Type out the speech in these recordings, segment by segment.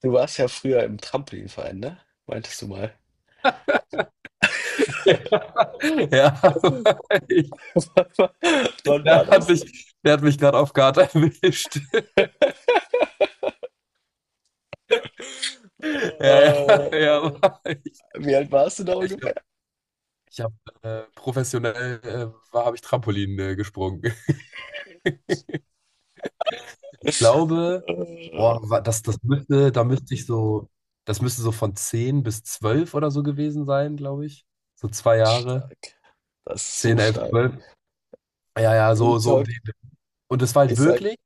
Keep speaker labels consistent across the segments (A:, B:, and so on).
A: Du warst ja früher im Trampolinverein, ne? Meintest du mal.
B: Ja, ja. ich,
A: Wann war
B: der hat
A: das?
B: mich, der hat mich gerade auf Guard erwischt.
A: Äh,
B: Ja, ja, ja. aber Ich,
A: Wie alt warst du da
B: ich
A: ungefähr?
B: habe ich hab, professionell war, habe ich Trampolin gesprungen. Ich glaube,
A: Äh,
B: boah, wa- das, das müsste, da müsste ich so, das müsste so von 10 bis 12 oder so gewesen sein, glaube ich. So 2 Jahre.
A: Stark. Das ist so
B: zehn elf
A: stark.
B: zwölf Ja, ja,
A: Real
B: so, so um
A: Talk,
B: den. Und es war halt
A: ich sag,
B: wirklich.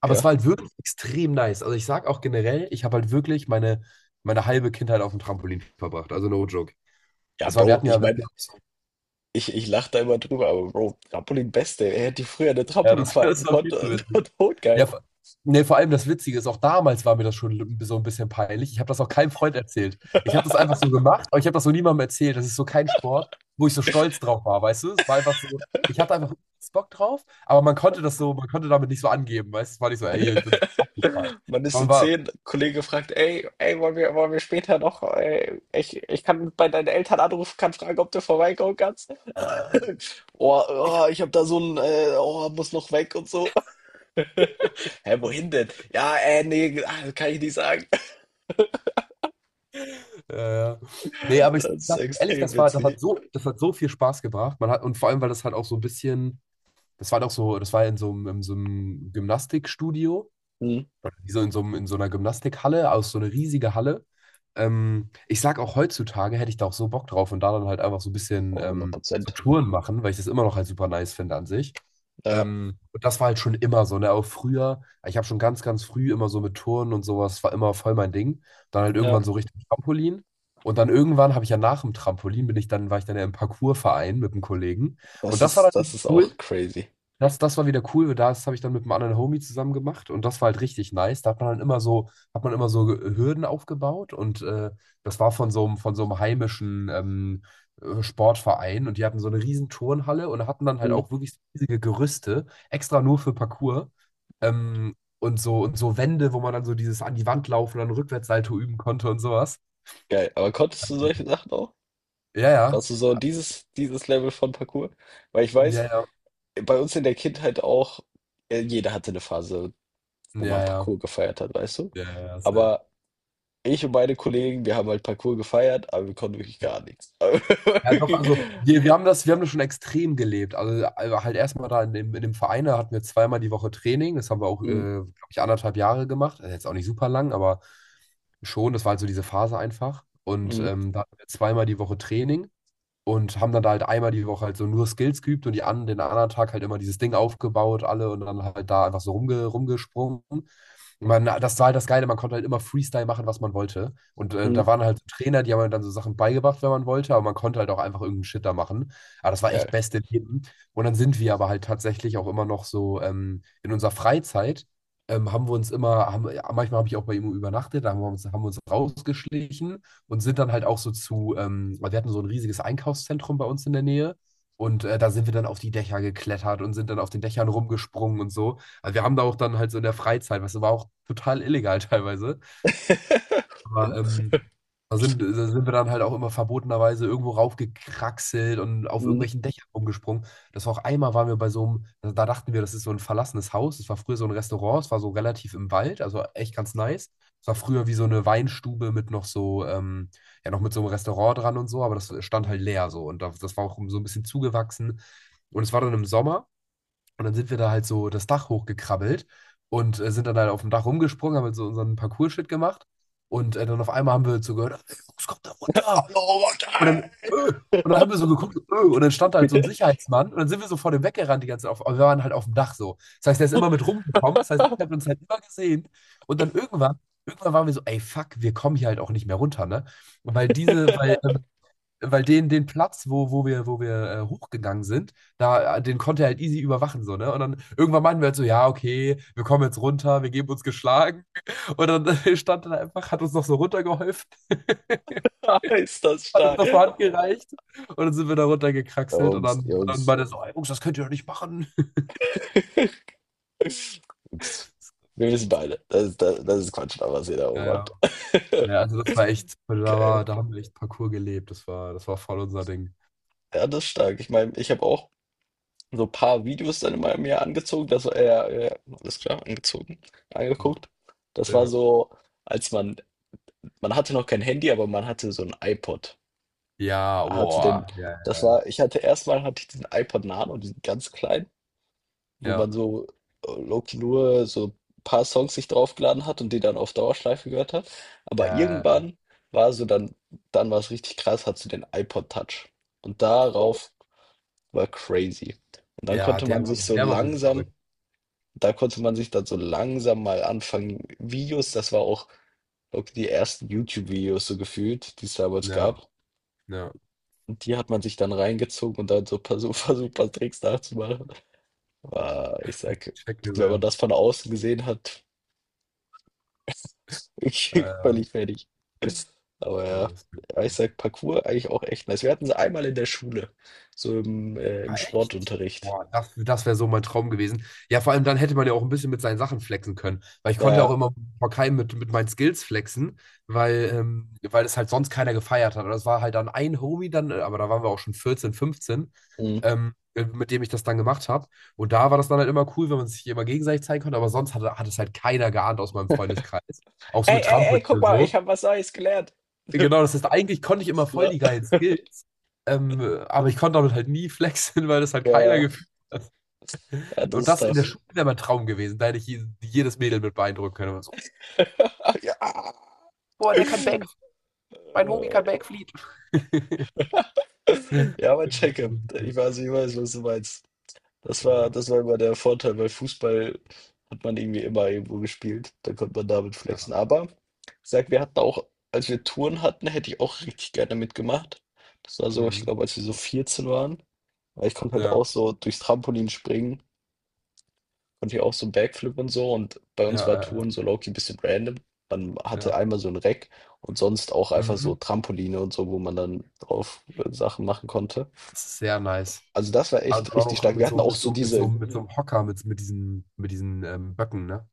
B: Aber es
A: ja.
B: war halt wirklich extrem nice. Also ich sag auch generell, ich habe halt wirklich meine, meine halbe Kindheit auf dem Trampolin verbracht. Also no joke.
A: Ja,
B: Das war,
A: Bro, ich
B: wir
A: meine,
B: hatten ja, auch so-
A: ich lache da immer drüber, aber Bro, Trampolin Beste, er hätte früher eine
B: ja das
A: Trampolinverein
B: das war
A: gekonnt,
B: viel zu
A: das
B: witzig.
A: war
B: Ja,
A: totgeil.
B: vor- vor allem das Witzige ist, auch damals war mir das schon so ein bisschen peinlich. Ich habe das auch keinem Freund erzählt. Ich habe das einfach so gemacht, aber ich habe das so niemandem erzählt. Das ist so kein Sport, wo ich so stolz drauf war, weißt du? Es war einfach so, ich hatte einfach Bock drauf, aber man konnte damit nicht so angeben, weißt du? Es war nicht so, ey, ich bin so abgefallen.
A: Man ist so
B: Man war,
A: 10, Kollege fragt, ey, ey, wollen wir später noch, ey, ich kann bei deinen Eltern anrufen, kann fragen, ob du vorbeikommen kannst.
B: äh,
A: Oh,
B: ich.
A: oh, ich habe da so ein, oh, muss noch weg und so. Hä, wohin denn? Ja, nee, ah, kann ich nicht sagen.
B: Ja, ja. Nee, aber ich
A: Das ist
B: sag ehrlich,
A: extrem witzig.
B: das hat so viel Spaß gebracht. Und vor allem, weil das halt auch so ein bisschen, das war doch so, das war in so einem Gymnastikstudio,
A: Hm.
B: wie in so einer Gymnastikhalle, aus so einer riesigen Halle. Ich sag auch heutzutage hätte ich da auch so Bock drauf und da dann halt einfach so ein bisschen
A: Oh, hundert
B: so
A: Prozent.
B: Touren machen, weil ich das immer noch halt super nice finde an sich.
A: Ja,
B: Und das war halt schon immer so, ne? Auch früher, ich habe schon ganz, ganz früh immer so mit Touren und sowas, war immer voll mein Ding. Dann halt
A: ja.
B: irgendwann so Richtung Trampolin. Und dann irgendwann habe ich ja nach dem Trampolin, bin ich dann, war ich dann ja im Parkourverein mit einem Kollegen.
A: Das
B: Und das war
A: ist, das
B: dann
A: ist auch
B: cool,
A: crazy.
B: das, das war wieder cool, weil das habe ich dann mit einem anderen Homie zusammen gemacht und das war halt richtig nice. Da hat man immer so Ge- Hürden aufgebaut und das war von so einem heimischen Sportverein und die hatten so eine riesen Turnhalle und hatten dann halt
A: Hm.
B: auch wirklich riesige Gerüste, extra nur für Parkour, und so Wände, wo man dann so dieses an die Wand laufen und dann Rückwärtssalto üben konnte und sowas.
A: Geil. Aber konntest du solche Sachen auch?
B: Ja, ja,
A: Warst du so dieses Level von Parkour? Weil ich
B: ja,
A: weiß,
B: ja,
A: bei uns in der Kindheit auch, jeder hatte eine Phase, wo man
B: ja, ja,
A: Parkour gefeiert hat, weißt du?
B: ja, ja, ja, safe.
A: Aber ich und meine Kollegen, wir haben halt Parkour gefeiert, aber wir konnten wirklich gar nichts. Aber
B: Ja, doch,
A: wirklich.
B: also wir, wir haben das, wir haben das schon extrem gelebt. Also halt erstmal in dem Verein, da hatten wir zweimal die Woche Training. Das haben wir auch,
A: Mhm,
B: glaube ich, 1,5 Jahre gemacht. Also jetzt auch nicht super lang, aber schon, das war halt so diese Phase einfach. Und
A: mhm,
B: ähm, da hatten wir zweimal die Woche Training und haben dann da halt einmal die Woche halt so nur Skills geübt und den anderen Tag halt immer dieses Ding aufgebaut, alle und dann halt da einfach so rumgesprungen. Und das war halt das Geile, man konnte halt immer Freestyle machen, was man wollte. Und da
A: mhm.
B: waren halt so Trainer, die haben einem dann so Sachen beigebracht, wenn man wollte, aber man konnte halt auch einfach irgendeinen Shit da machen. Aber das war echt
A: Geil.
B: beste Leben. Und dann sind wir aber halt tatsächlich auch immer noch so, in unserer Freizeit. Haben wir uns immer, haben, Manchmal habe ich auch bei ihm übernachtet, da haben wir uns rausgeschlichen und sind dann halt auch so zu, weil wir hatten so ein riesiges Einkaufszentrum bei uns in der Nähe. Und da sind wir dann auf die Dächer geklettert und sind dann auf den Dächern rumgesprungen und so. Also wir haben da auch dann halt so in der Freizeit, was war auch total illegal, teilweise, aber da sind wir dann halt auch immer verbotenerweise irgendwo raufgekraxelt und auf
A: Mhm.
B: irgendwelchen Dächern rumgesprungen. Das war auch einmal, waren wir bei so einem, da dachten wir, das ist so ein verlassenes Haus. Das war früher so ein Restaurant, es war so relativ im Wald, also echt ganz nice. Es war früher wie so eine Weinstube mit noch so, ja, noch mit so einem Restaurant dran und so, aber das stand halt leer so. Und das war auch so ein bisschen zugewachsen. Und es war dann im Sommer. Und dann sind wir da halt so das Dach hochgekrabbelt und sind dann halt auf dem Dach rumgesprungen, haben halt so unseren Parcours-Shit gemacht. Und dann auf einmal haben wir so gehört, ey, Jungs, kommt da runter.
A: Hallo,
B: Und dann,
A: Martin!
B: äh, und dann haben wir so geguckt, und dann stand da halt so ein Sicherheitsmann. Und dann sind wir so vor dem weggerannt die ganze Zeit. Aber wir waren halt auf dem Dach so. Das heißt, der ist immer mit rumgekommen. Das heißt, er hat uns halt immer gesehen. Und dann irgendwann waren wir so, ey, fuck, wir kommen hier halt auch nicht mehr runter, ne? Weil diese, weil weil den, den Platz, wo wir hochgegangen sind, den konnte er halt easy überwachen, so, ne? Und dann irgendwann meinten wir halt so, ja, okay, wir kommen jetzt runter, wir geben uns geschlagen. Und dann stand er da einfach, hat uns noch so runtergeholfen,
A: Ist das
B: hat uns
A: stark.
B: noch so Hand gereicht. Und dann sind wir da runtergekraxelt und
A: Jungs,
B: dann, dann
A: Jungs.
B: meinte er so: "Ey, Jungs, das könnt ihr doch nicht machen." Das
A: Jungs.
B: ist
A: Wir wissen
B: witzig.
A: beide, das ist Quatsch, da, was ihr da oben
B: Ja,
A: macht.
B: ja. Ja, also das war echt, da
A: Geil.
B: war, da haben wir echt Parcours gelebt. Das war voll unser Ding.
A: Ja, das ist stark. Ich meine, ich habe auch so ein paar Videos dann in meinem Jahr angezogen. Das war, ja, ja, ja, alles klar, angezogen, angeguckt. Das war
B: Ja,
A: so. Als man Man hatte noch kein Handy, aber man hatte so 'n iPod.
B: ja,
A: Hatte den
B: boah. Ja,
A: das war ich hatte erst mal hatte ich diesen iPod Nano, diesen ganz kleinen, wo
B: ja,
A: man so, low key nur so paar Songs sich draufgeladen hat und die dann auf Dauerschleife gehört hat. Aber
B: ja.
A: irgendwann war so dann war's richtig krass, hattest du den iPod Touch. Und
B: Boah.
A: darauf war crazy. Und dann
B: Ja,
A: konnte man sich so
B: der war wirklich verrückt.
A: langsam da konnte man sich dann so langsam mal anfangen Videos, das war auch low key die ersten YouTube-Videos so gefühlt, die es damals
B: Ja,
A: gab.
B: ja.
A: Und die hat man sich dann reingezogen und dann so paar super, super Tricks nachzumachen. Ah, ich sag,
B: Checke
A: wenn man
B: sehr.
A: das von außen gesehen hat, ich
B: Äh,
A: völlig fertig. Aber ja,
B: ist wirklich-
A: ja, ich
B: cool.
A: sag, Parkour eigentlich auch echt nice. Wir hatten sie einmal in der Schule, so im
B: Ah, echt?
A: Sportunterricht.
B: Boah, das, das wäre so mein Traum gewesen. Ja, vor allem dann hätte man ja auch ein bisschen mit seinen Sachen flexen können. Weil ich konnte ja auch
A: Ja.
B: immer vor keinem mit meinen Skills flexen, weil es halt sonst keiner gefeiert hat. Aber das war halt dann ein Homie dann, aber da waren wir auch schon 14, 15,
A: Hm.
B: mit dem ich das dann gemacht habe. Und da war das dann halt immer cool, wenn man sich immer gegenseitig zeigen konnte. Aber sonst hat es halt keiner geahnt aus meinem Freundeskreis. Auch so
A: Ey,
B: mit
A: ey, ey,
B: Trampolin
A: guck
B: und
A: mal, ich
B: so.
A: habe was Neues gelernt.
B: Genau, das heißt, eigentlich konnte ich immer
A: Ist
B: voll
A: klar.
B: die geilen Skills, ähm, aber ich konnte damit halt nie flexen, weil das halt keiner
A: Ja,
B: gefühlt
A: ja,
B: hat.
A: das
B: Und
A: ist
B: das in der
A: tough.
B: Schule wäre mein Traum gewesen, da hätte ich jedes Mädel mit beeindrucken können. Und so,
A: Ja.
B: boah, der kann Back,
A: Äh,
B: mein Homie kann Backfliegen. Ja,
A: Ja, mein Checkup. Ich weiß, was du meinst. Das war immer der Vorteil, weil Fußball hat man irgendwie immer irgendwo gespielt. Da konnte man damit
B: ja,
A: flexen. Aber ich sag, wir hatten auch, als wir Touren hatten, hätte ich auch richtig gerne mitgemacht. Das war so, ich
B: mhm.
A: glaube, als wir so 14 waren. Weil ich konnte halt
B: Ja,
A: auch so durchs Trampolin springen, konnte ich auch so Backflip und so. Und bei
B: ja,
A: uns war
B: ja,
A: Touren so low-key ein bisschen random. Man
B: ja,
A: hatte
B: ja.
A: einmal so ein Reck und sonst auch einfach so
B: Mhm.
A: Trampoline und so, wo man dann drauf Sachen machen konnte.
B: Das ist sehr nice.
A: Also das war
B: Und
A: echt
B: dann
A: richtig
B: auch noch
A: stark. Wir
B: mit so,
A: hatten auch
B: mit
A: so
B: so, mit so,
A: diese
B: mit so einem Hocker, mit diesen Böcken, ne?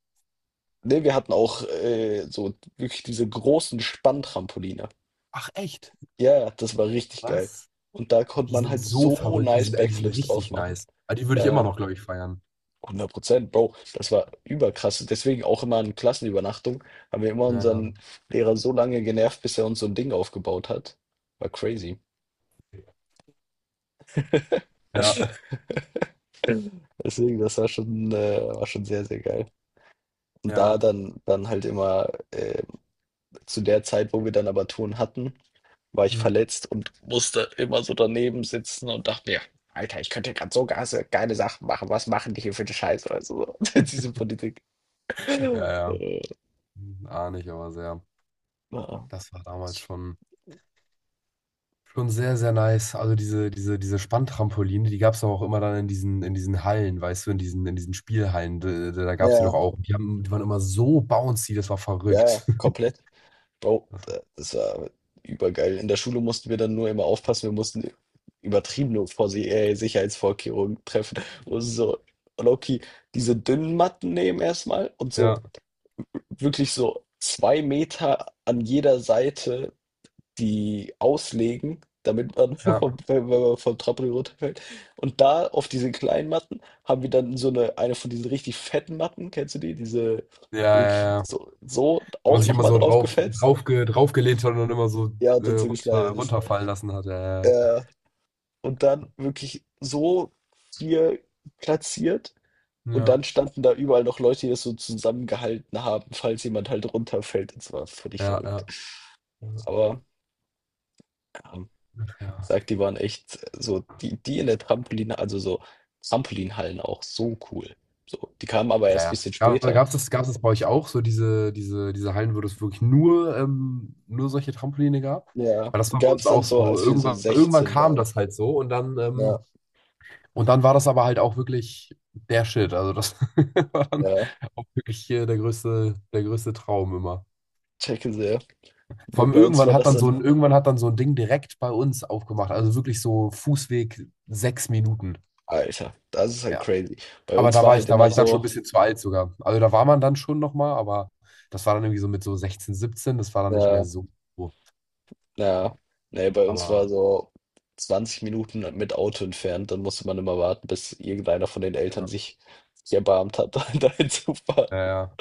A: Ne, wir hatten auch so wirklich diese großen Spanntrampoline.
B: Ach, echt?
A: Ja, ja, das war richtig geil.
B: Was?
A: Und da konnte
B: Die
A: man
B: sind
A: halt
B: so
A: so
B: verrückt, die
A: nice
B: sind, ey, die sind
A: Backflips drauf
B: richtig
A: machen.
B: nice. Aber die würde
A: Ja,
B: ich immer
A: ja,
B: noch, glaube ich, feiern.
A: 100%, Bro. Das war überkrass. Deswegen auch immer in Klassenübernachtung haben wir immer
B: Ja, ja.
A: unseren Lehrer so lange genervt, bis er uns so ein Ding aufgebaut hat. War crazy.
B: Ja,
A: Deswegen, das war schon sehr, sehr geil. Und da
B: ja.
A: dann halt immer zu der Zeit, wo wir dann aber Touren hatten, war ich
B: Mhm.
A: verletzt und musste immer so daneben sitzen und dachte mir, Alter, ich könnte gerade so geile, geile Sachen machen. Was machen die hier für eine Scheiße? Also, so, diese Politik. Äh,
B: Ja, ja. Hm, ahne ich aber sehr.
A: ja,
B: Das war damals schon, schon sehr, sehr nice. Also diese, diese, diese Spanntrampoline, die gab es auch immer dann in diesen Hallen, weißt du, in diesen Spielhallen. Da, da da gab es die
A: ja,
B: doch auch. Die waren immer so bouncy, das war
A: ja,
B: verrückt.
A: komplett. Bro,
B: Das-
A: das war übergeil. In der Schule mussten wir dann nur immer aufpassen. Wir mussten übertriebene Sicherheitsvorkehrungen treffen. Und so, Loki, diese dünnen Matten nehmen erstmal und so
B: Ja,
A: wirklich so 2 Meter an jeder Seite die auslegen, damit man vom
B: ja.
A: wenn man vom Trampolin runterfällt. Und da auf diese kleinen Matten haben wir dann so eine von diesen richtig fetten Matten, kennst du die? Diese
B: Ja, ja,
A: wirklich
B: ja.
A: so
B: Wo man
A: auch
B: sich
A: noch
B: immer
A: mal
B: so
A: drauf gefetzt.
B: draufgelehnt hat und dann immer so
A: Ja, und dann so geschneidet ist.
B: runterfallen lassen hat. Ja,
A: Ja, und dann wirklich so hier platziert und
B: ja.
A: dann standen da überall noch Leute, die das so zusammengehalten haben, falls jemand halt runterfällt. Das war völlig
B: Ja,
A: verrückt.
B: ja,
A: Aber ja,
B: ja.
A: sagt die waren echt so die die in der Trampolin, also, so Trampolinhallen auch so cool. So, die kamen aber erst ein
B: Ja, ja.
A: bisschen
B: Gab,
A: später.
B: gab's das, gab's das bei euch auch, so diese, diese, diese Hallen, wo es wirklich nur, nur solche Trampoline gab?
A: Ja,
B: Weil das
A: die
B: war bei
A: gab es
B: uns
A: dann
B: auch
A: so,
B: so.
A: als wir so
B: Irgendwann, irgendwann
A: 16
B: kam
A: waren.
B: das halt so und dann,
A: Ja,
B: und dann war das aber halt auch wirklich der Shit. Also das war dann
A: ja,
B: auch wirklich hier der größte Traum immer.
A: checke sehr.
B: Vor
A: Wir
B: allem
A: bei uns
B: irgendwann
A: war
B: hat
A: das
B: dann so
A: dann
B: ein, irgendwann hat dann so ein Ding direkt bei uns aufgemacht. Also wirklich so Fußweg 6 Minuten.
A: Alter, das ist halt
B: Ja.
A: crazy. Bei
B: Aber
A: uns war halt
B: da war
A: immer
B: ich dann schon ein
A: so,
B: bisschen zu alt sogar. Also da war man dann schon nochmal, aber das war dann irgendwie so mit so 16, 17 das war dann nicht mehr
A: ja,
B: so. Oh, ja.
A: ja, ne, bei uns war
B: Aber
A: so 20 Minuten mit Auto entfernt, dann musste man immer warten, bis irgendeiner von den Eltern
B: ja,
A: sich erbarmt hat, da hinzufahren.
B: ja, ja.